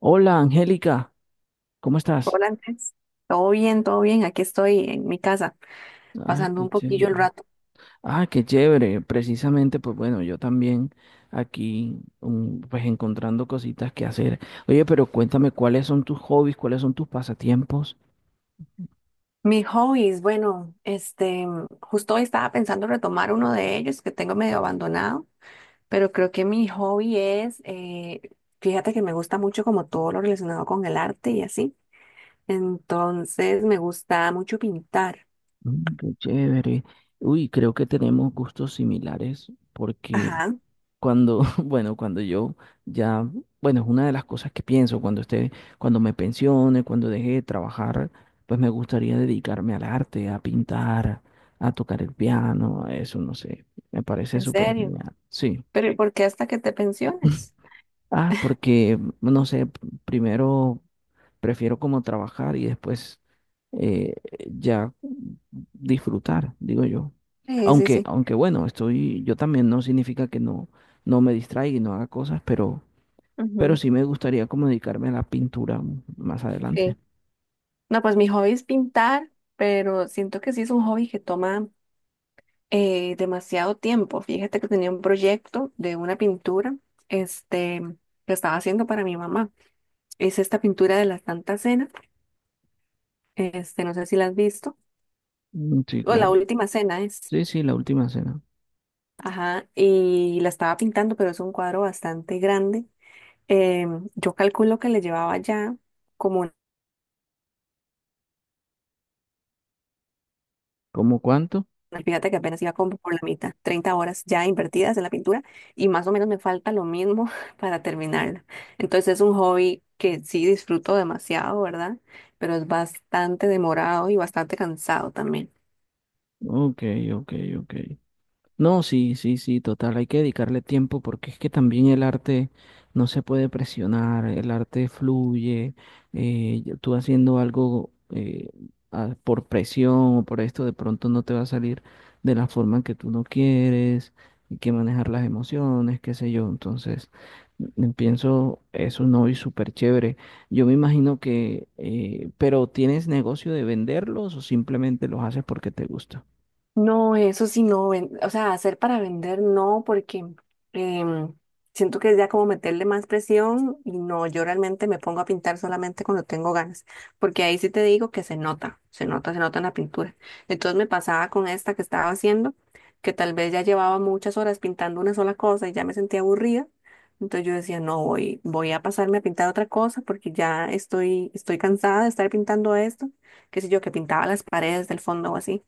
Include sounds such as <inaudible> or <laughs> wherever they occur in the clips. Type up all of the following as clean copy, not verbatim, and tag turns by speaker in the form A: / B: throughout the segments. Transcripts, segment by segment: A: Hola, Angélica, ¿cómo estás?
B: Hola Andrés, todo bien, todo bien. Aquí estoy en mi casa,
A: Ay,
B: pasando
A: qué
B: un
A: chévere.
B: poquillo el rato.
A: Ah, qué chévere. Precisamente, pues bueno, yo también aquí, pues encontrando cositas que hacer. Oye, pero cuéntame, ¿cuáles son tus hobbies? ¿Cuáles son tus pasatiempos?
B: Mis hobbies, bueno, justo hoy estaba pensando retomar uno de ellos que tengo medio abandonado, pero creo que mi hobby es, fíjate que me gusta mucho como todo lo relacionado con el arte y así. Entonces me gusta mucho pintar.
A: Mm, qué chévere. Uy, creo que tenemos gustos similares porque
B: Ajá,
A: <laughs> Bueno, cuando yo ya, bueno, es una de las cosas que pienso, cuando esté, cuando me pensione, cuando deje de trabajar, pues me gustaría dedicarme al arte, a pintar, a tocar el piano, a eso, no sé, me parece
B: en
A: súper
B: serio.
A: genial. Sí.
B: Pero ¿y por qué hasta que te pensiones?
A: Ah, porque, no sé, primero prefiero como trabajar y después eh, ya disfrutar, digo yo.
B: Sí, sí,
A: Aunque,
B: sí.
A: aunque bueno, estoy, yo también no significa que no, no me distraiga y no haga cosas, pero
B: Ujú,
A: sí me gustaría como dedicarme a la pintura más adelante.
B: sí. No, pues mi hobby es pintar, pero siento que sí es un hobby que toma demasiado tiempo. Fíjate que tenía un proyecto de una pintura, este, que estaba haciendo para mi mamá. Es esta pintura de la Santa Cena, este, no sé si la has visto,
A: Mm, sí,
B: o la
A: claro.
B: última cena es,
A: Sí, sí, la última cena.
B: ajá, y la estaba pintando, pero es un cuadro bastante grande. Yo calculo que le llevaba ya como…
A: ¿Cómo cuánto?
B: Fíjate que apenas iba como por la mitad, 30 horas ya invertidas en la pintura y más o menos me falta lo mismo <laughs> para terminarla. Entonces es un hobby que sí disfruto demasiado, ¿verdad? Pero es bastante demorado y bastante cansado también.
A: Ok, ok, ok. No, sí, sí, sí, total, hay que dedicarle tiempo porque es que también el arte no se puede presionar, el arte fluye, y tú haciendo algo por presión o por esto de pronto no te va a salir de la forma en que tú no quieres, hay que manejar las emociones, qué sé yo, entonces mm, mm, pienso es un hobby súper chévere. Yo me imagino que, pero ¿tienes negocio de venderlos o simplemente los haces porque te gusta?
B: No, eso sí, no, o sea, hacer para vender no, porque em, siento que es ya como meterle más presión y no, yo realmente me pongo a pintar solamente cuando tengo ganas, porque ahí sí te digo que se nota, se nota, se nota en la pintura. Entonces me pasaba con esta que estaba haciendo, que tal vez ya llevaba muchas horas pintando una sola cosa y ya me sentía aburrida, entonces yo decía, no, voy a pasarme a pintar otra cosa porque ya estoy cansada de estar pintando esto, qué sé yo, que pintaba las paredes del fondo o así.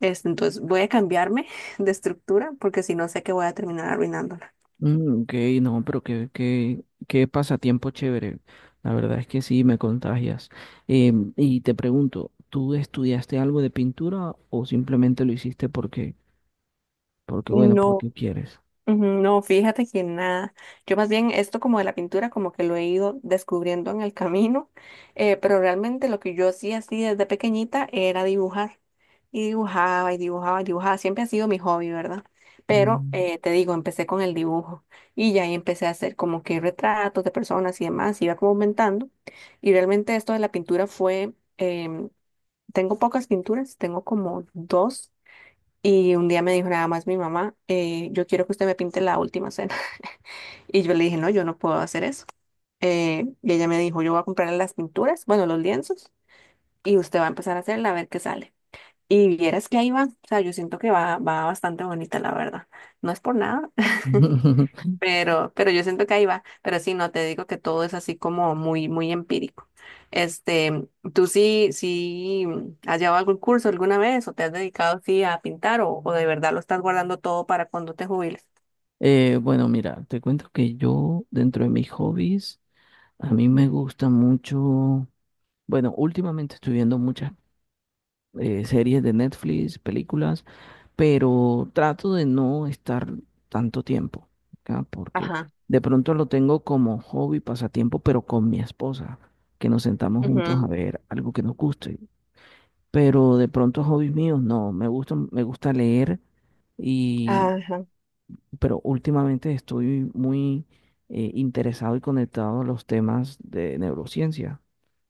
B: Este, entonces voy a cambiarme <laughs> de estructura porque si no sé que voy a terminar arruinándola.
A: Mm, ok, no, pero qué, qué, qué pasatiempo chévere. La verdad es que sí, me contagias. Y te pregunto, ¿tú estudiaste algo de pintura o simplemente lo hiciste porque, porque bueno,
B: No,
A: porque quieres?
B: ujú, no, fíjate que nada. Yo más bien esto como de la pintura como que lo he ido descubriendo en el camino, pero realmente lo que yo hacía así desde pequeñita era dibujar. Y dibujaba y dibujaba y dibujaba. Siempre ha sido mi hobby, ¿verdad? Pero
A: Mm.
B: te digo, empecé con el dibujo y ya ahí empecé a hacer como que retratos de personas y demás, iba como aumentando. Y realmente esto de la pintura fue… tengo pocas pinturas, tengo como 2. Y un día me dijo nada más mi mamá, yo quiero que usted me pinte la última cena. <laughs> Y yo le dije, no, yo no puedo hacer eso. Y ella me dijo, yo voy a comprar las pinturas, bueno, los lienzos, y usted va a empezar a hacerla a ver qué sale. Y vieras que ahí va, o sea, yo siento que va bastante bonita, la verdad. No es por nada. <laughs>
A: <laughs>
B: Pero yo siento que ahí va, pero sí, no te digo que todo es así como muy, muy empírico. Este, ¿tú sí has llevado algún curso alguna vez o te has dedicado sí a pintar o de verdad lo estás guardando todo para cuando te jubiles?
A: Bueno, mira, te cuento que yo, dentro de mis hobbies, a mí me gusta mucho, bueno, últimamente estoy viendo muchas series de Netflix, películas, pero trato de no estar tanto tiempo acá porque
B: Ajá.
A: de pronto lo tengo como hobby, pasatiempo, pero con mi esposa, que nos sentamos juntos a
B: Ujú.
A: ver algo que nos guste. Pero de pronto hobbies míos, no, me gusta leer y,
B: Ajá.
A: pero últimamente estoy muy interesado y conectado a los temas de neurociencia.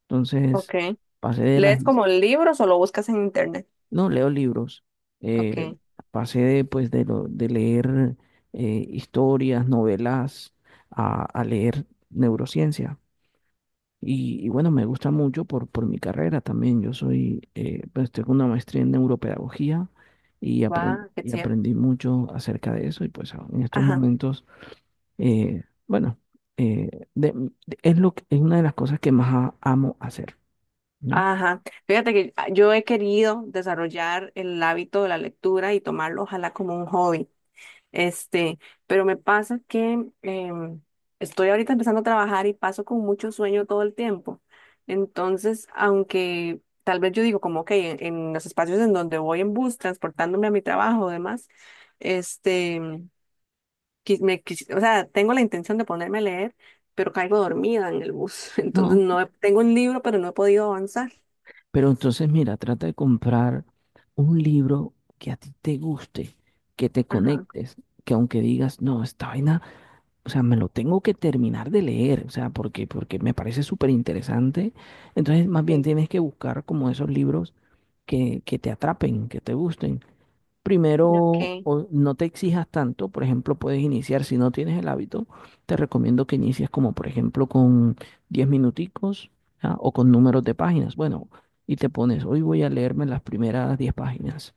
A: Entonces,
B: Ok.
A: pasé de las.
B: ¿Lees como libros o lo buscas en internet?
A: No, leo libros. Eh,
B: Ok,
A: pasé de, pues, de, de leer historias, novelas, a leer neurociencia. Y bueno, me gusta mucho por mi carrera también. Yo soy, pues tengo una maestría en neuropedagogía
B: va, qué
A: y
B: chido.
A: aprendí mucho acerca de eso. Y pues en estos
B: Ajá.
A: momentos, bueno, eh, de- es lo, es una de las cosas que más amo hacer, ¿no?
B: Ajá. Fíjate que yo he querido desarrollar el hábito de la lectura y tomarlo, ojalá, como un hobby. Este, pero me pasa que estoy ahorita empezando a trabajar y paso con mucho sueño todo el tiempo. Entonces, aunque tal vez yo digo como, ok, en los espacios en donde voy en bus, transportándome a mi trabajo o demás, este, o sea, tengo la intención de ponerme a leer, pero caigo dormida en el bus. <laughs> Entonces,
A: No,
B: no he- tengo un libro, pero no he podido avanzar.
A: pero entonces, mira, trata de comprar un libro que a ti te guste, que te
B: Ajá.
A: conectes, que aunque digas, no, esta vaina, o sea, me lo tengo que terminar de leer, o sea, porque, porque me parece súper interesante. Entonces, más bien
B: Sí.
A: tienes que buscar como esos libros que te atrapen, que te gusten. Primero,
B: Ok.
A: o no te exijas tanto, por ejemplo, puedes iniciar, si no tienes el hábito, te recomiendo que inicies como, por ejemplo, con 10 minuticos, ¿ya? O con números de páginas. Bueno, y te pones, hoy voy a leerme las primeras 10 páginas.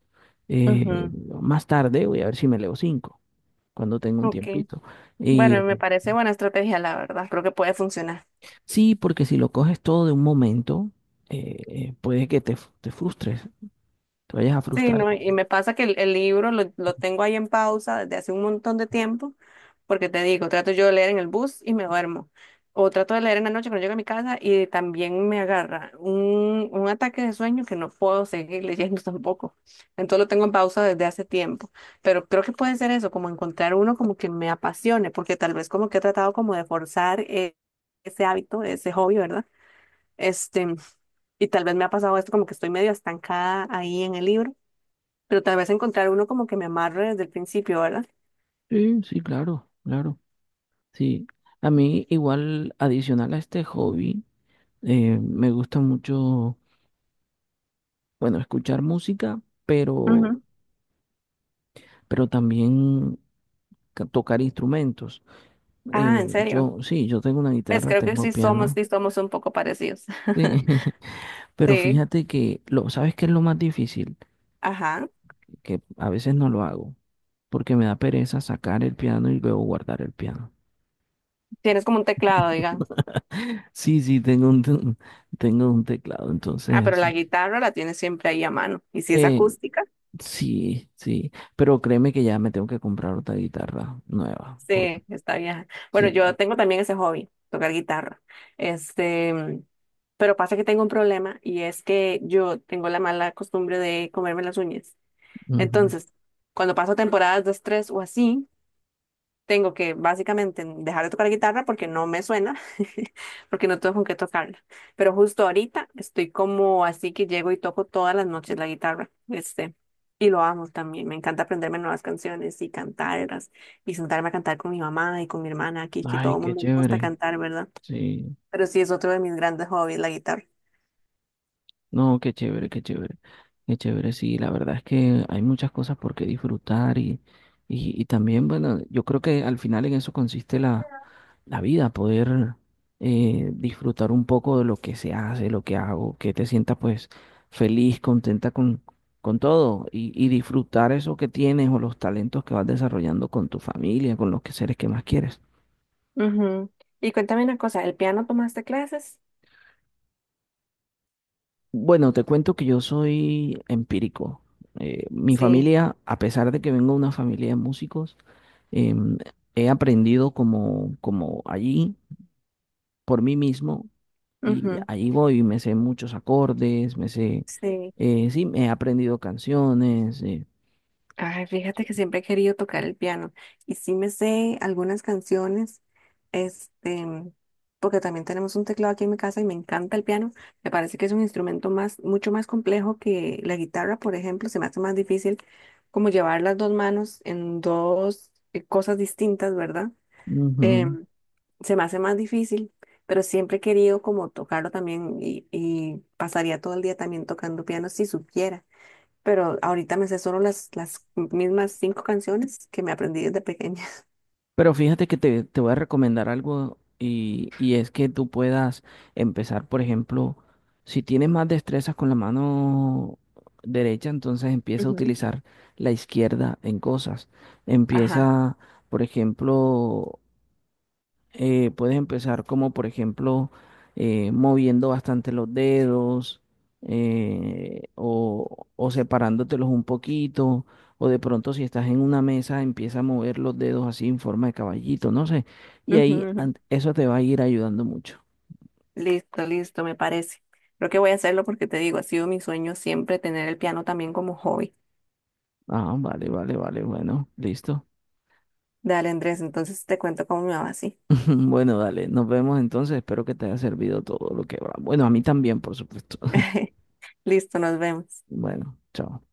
A: Eh,
B: Ujú.
A: más tarde voy a ver si me leo 5 cuando tenga un
B: Ok.
A: tiempito.
B: Bueno,
A: Y
B: me parece buena estrategia, la verdad. Creo que puede funcionar.
A: sí, porque si lo coges todo de un momento, puede que te frustres, te vayas a
B: Sí,
A: frustrar.
B: no, y me pasa que el libro lo tengo ahí en pausa desde hace un montón de tiempo, porque te digo, trato yo de leer en el bus y me duermo, o trato de leer en la noche cuando llego a mi casa y también me agarra un ataque de sueño que no puedo seguir <laughs> leyendo tampoco. Entonces lo tengo en pausa desde hace tiempo, pero creo que puede ser eso, como encontrar uno como que me apasione, porque tal vez como que he tratado como de forzar ese hábito, ese hobby, ¿verdad? Este, y tal vez me ha pasado esto como que estoy medio estancada ahí en el libro pero tal vez encontrar uno como que me amarre desde el principio, ¿verdad?
A: Sí, sí, claro, claro. Sí, a mí igual adicional a este hobby, me gusta mucho, bueno, escuchar música, pero,
B: Ujú.
A: pero también tocar instrumentos.
B: Ah, ¿en serio?
A: Yo, sí, yo tengo una
B: ¿Ves?
A: guitarra,
B: Creo que
A: tengo piano,
B: sí somos un poco parecidos.
A: sí,
B: <laughs>
A: <laughs> pero
B: Sí,
A: fíjate que, lo, ¿sabes qué es lo más difícil?
B: ajá.
A: Que a veces no lo hago, porque me da pereza sacar el piano y luego guardar el piano.
B: Tienes como un teclado, digamos.
A: Sí, sí, tengo un, <laughs> tengo un teclado,
B: Ah, pero
A: entonces,
B: la guitarra la tienes siempre ahí a mano. Y si es
A: eh,
B: acústica,
A: sí, sí, pero créeme que ya me tengo que comprar otra guitarra nueva, por-
B: sí, está vieja. Bueno,
A: sí.
B: yo tengo también ese hobby, tocar guitarra. Este, mm, pero pasa que tengo un problema y es que yo tengo la mala costumbre de comerme las uñas.
A: Ujú.
B: Entonces, cuando paso temporadas de estrés o así, tengo que básicamente dejar de tocar la guitarra porque no me suena, <laughs> porque no tengo con qué tocarla. Pero justo ahorita estoy como así que llego y toco todas las noches la guitarra, este, y lo amo también. Me encanta aprenderme nuevas canciones y cantarlas y sentarme a cantar con mi mamá y con mi hermana aquí, que
A: Ay,
B: todo el
A: qué
B: mundo le gusta
A: chévere,
B: cantar, ¿verdad?
A: sí,
B: Pero sí es otro de mis grandes hobbies, la guitarra.
A: no, qué chévere, qué chévere, qué chévere, sí, la verdad es que hay muchas cosas por qué disfrutar y también, bueno, yo creo que al final en eso consiste la la vida, poder disfrutar un poco de lo que se hace, lo que hago, que te sientas pues feliz, contenta con todo y disfrutar eso que tienes o los talentos que vas desarrollando con tu familia, con los que seres que más quieres.
B: Ujú. Y cuéntame una cosa, ¿el piano tomaste clases?
A: Bueno, te cuento que yo soy empírico. Mi
B: Sí,
A: familia, a pesar de que vengo de una familia de músicos, em, he aprendido como, como allí, por mí mismo y
B: ujú,
A: ahí voy, me sé muchos acordes, me sé,
B: sí.
A: sí, me he aprendido canciones.
B: Ay, fíjate que siempre he querido tocar el piano y sí me sé algunas canciones, este, porque también tenemos un teclado aquí en mi casa y me encanta el piano. Me parece que es un instrumento mucho más complejo que la guitarra, por ejemplo, se me hace más difícil como llevar las dos manos en dos cosas distintas, ¿verdad?
A: Ujú.
B: Se me hace más difícil, pero siempre he querido como tocarlo también y pasaría todo el día también tocando piano si supiera. Pero ahorita me sé solo las mismas 5 canciones que me aprendí desde pequeña.
A: Pero fíjate que te voy a recomendar algo y es que tú puedas empezar, por ejemplo, si tienes más destrezas con la mano derecha, entonces
B: <laughs>
A: empieza a
B: Ujú.
A: utilizar la izquierda en cosas.
B: Ajá.
A: Empieza, por ejemplo, puedes empezar como, por ejemplo, moviendo bastante los dedos o separándotelos un poquito. O de pronto si estás en una mesa, empieza a mover los dedos así en forma de caballito, no sé. Y
B: Ujú,
A: ahí
B: ujú.
A: eso te va a ir ayudando mucho.
B: Listo, listo, me parece. Creo que voy a hacerlo porque te digo, ha sido mi sueño siempre tener el piano también como hobby.
A: Ah, vale, vale, vale, bueno, listo.
B: Dale, Andrés, entonces te cuento cómo me va así.
A: <laughs> Bueno, dale, nos vemos entonces. Espero que te haya servido todo lo que va. Bueno, a mí también, por supuesto. <laughs>
B: <laughs> Listo, nos vemos.
A: Bueno, chao.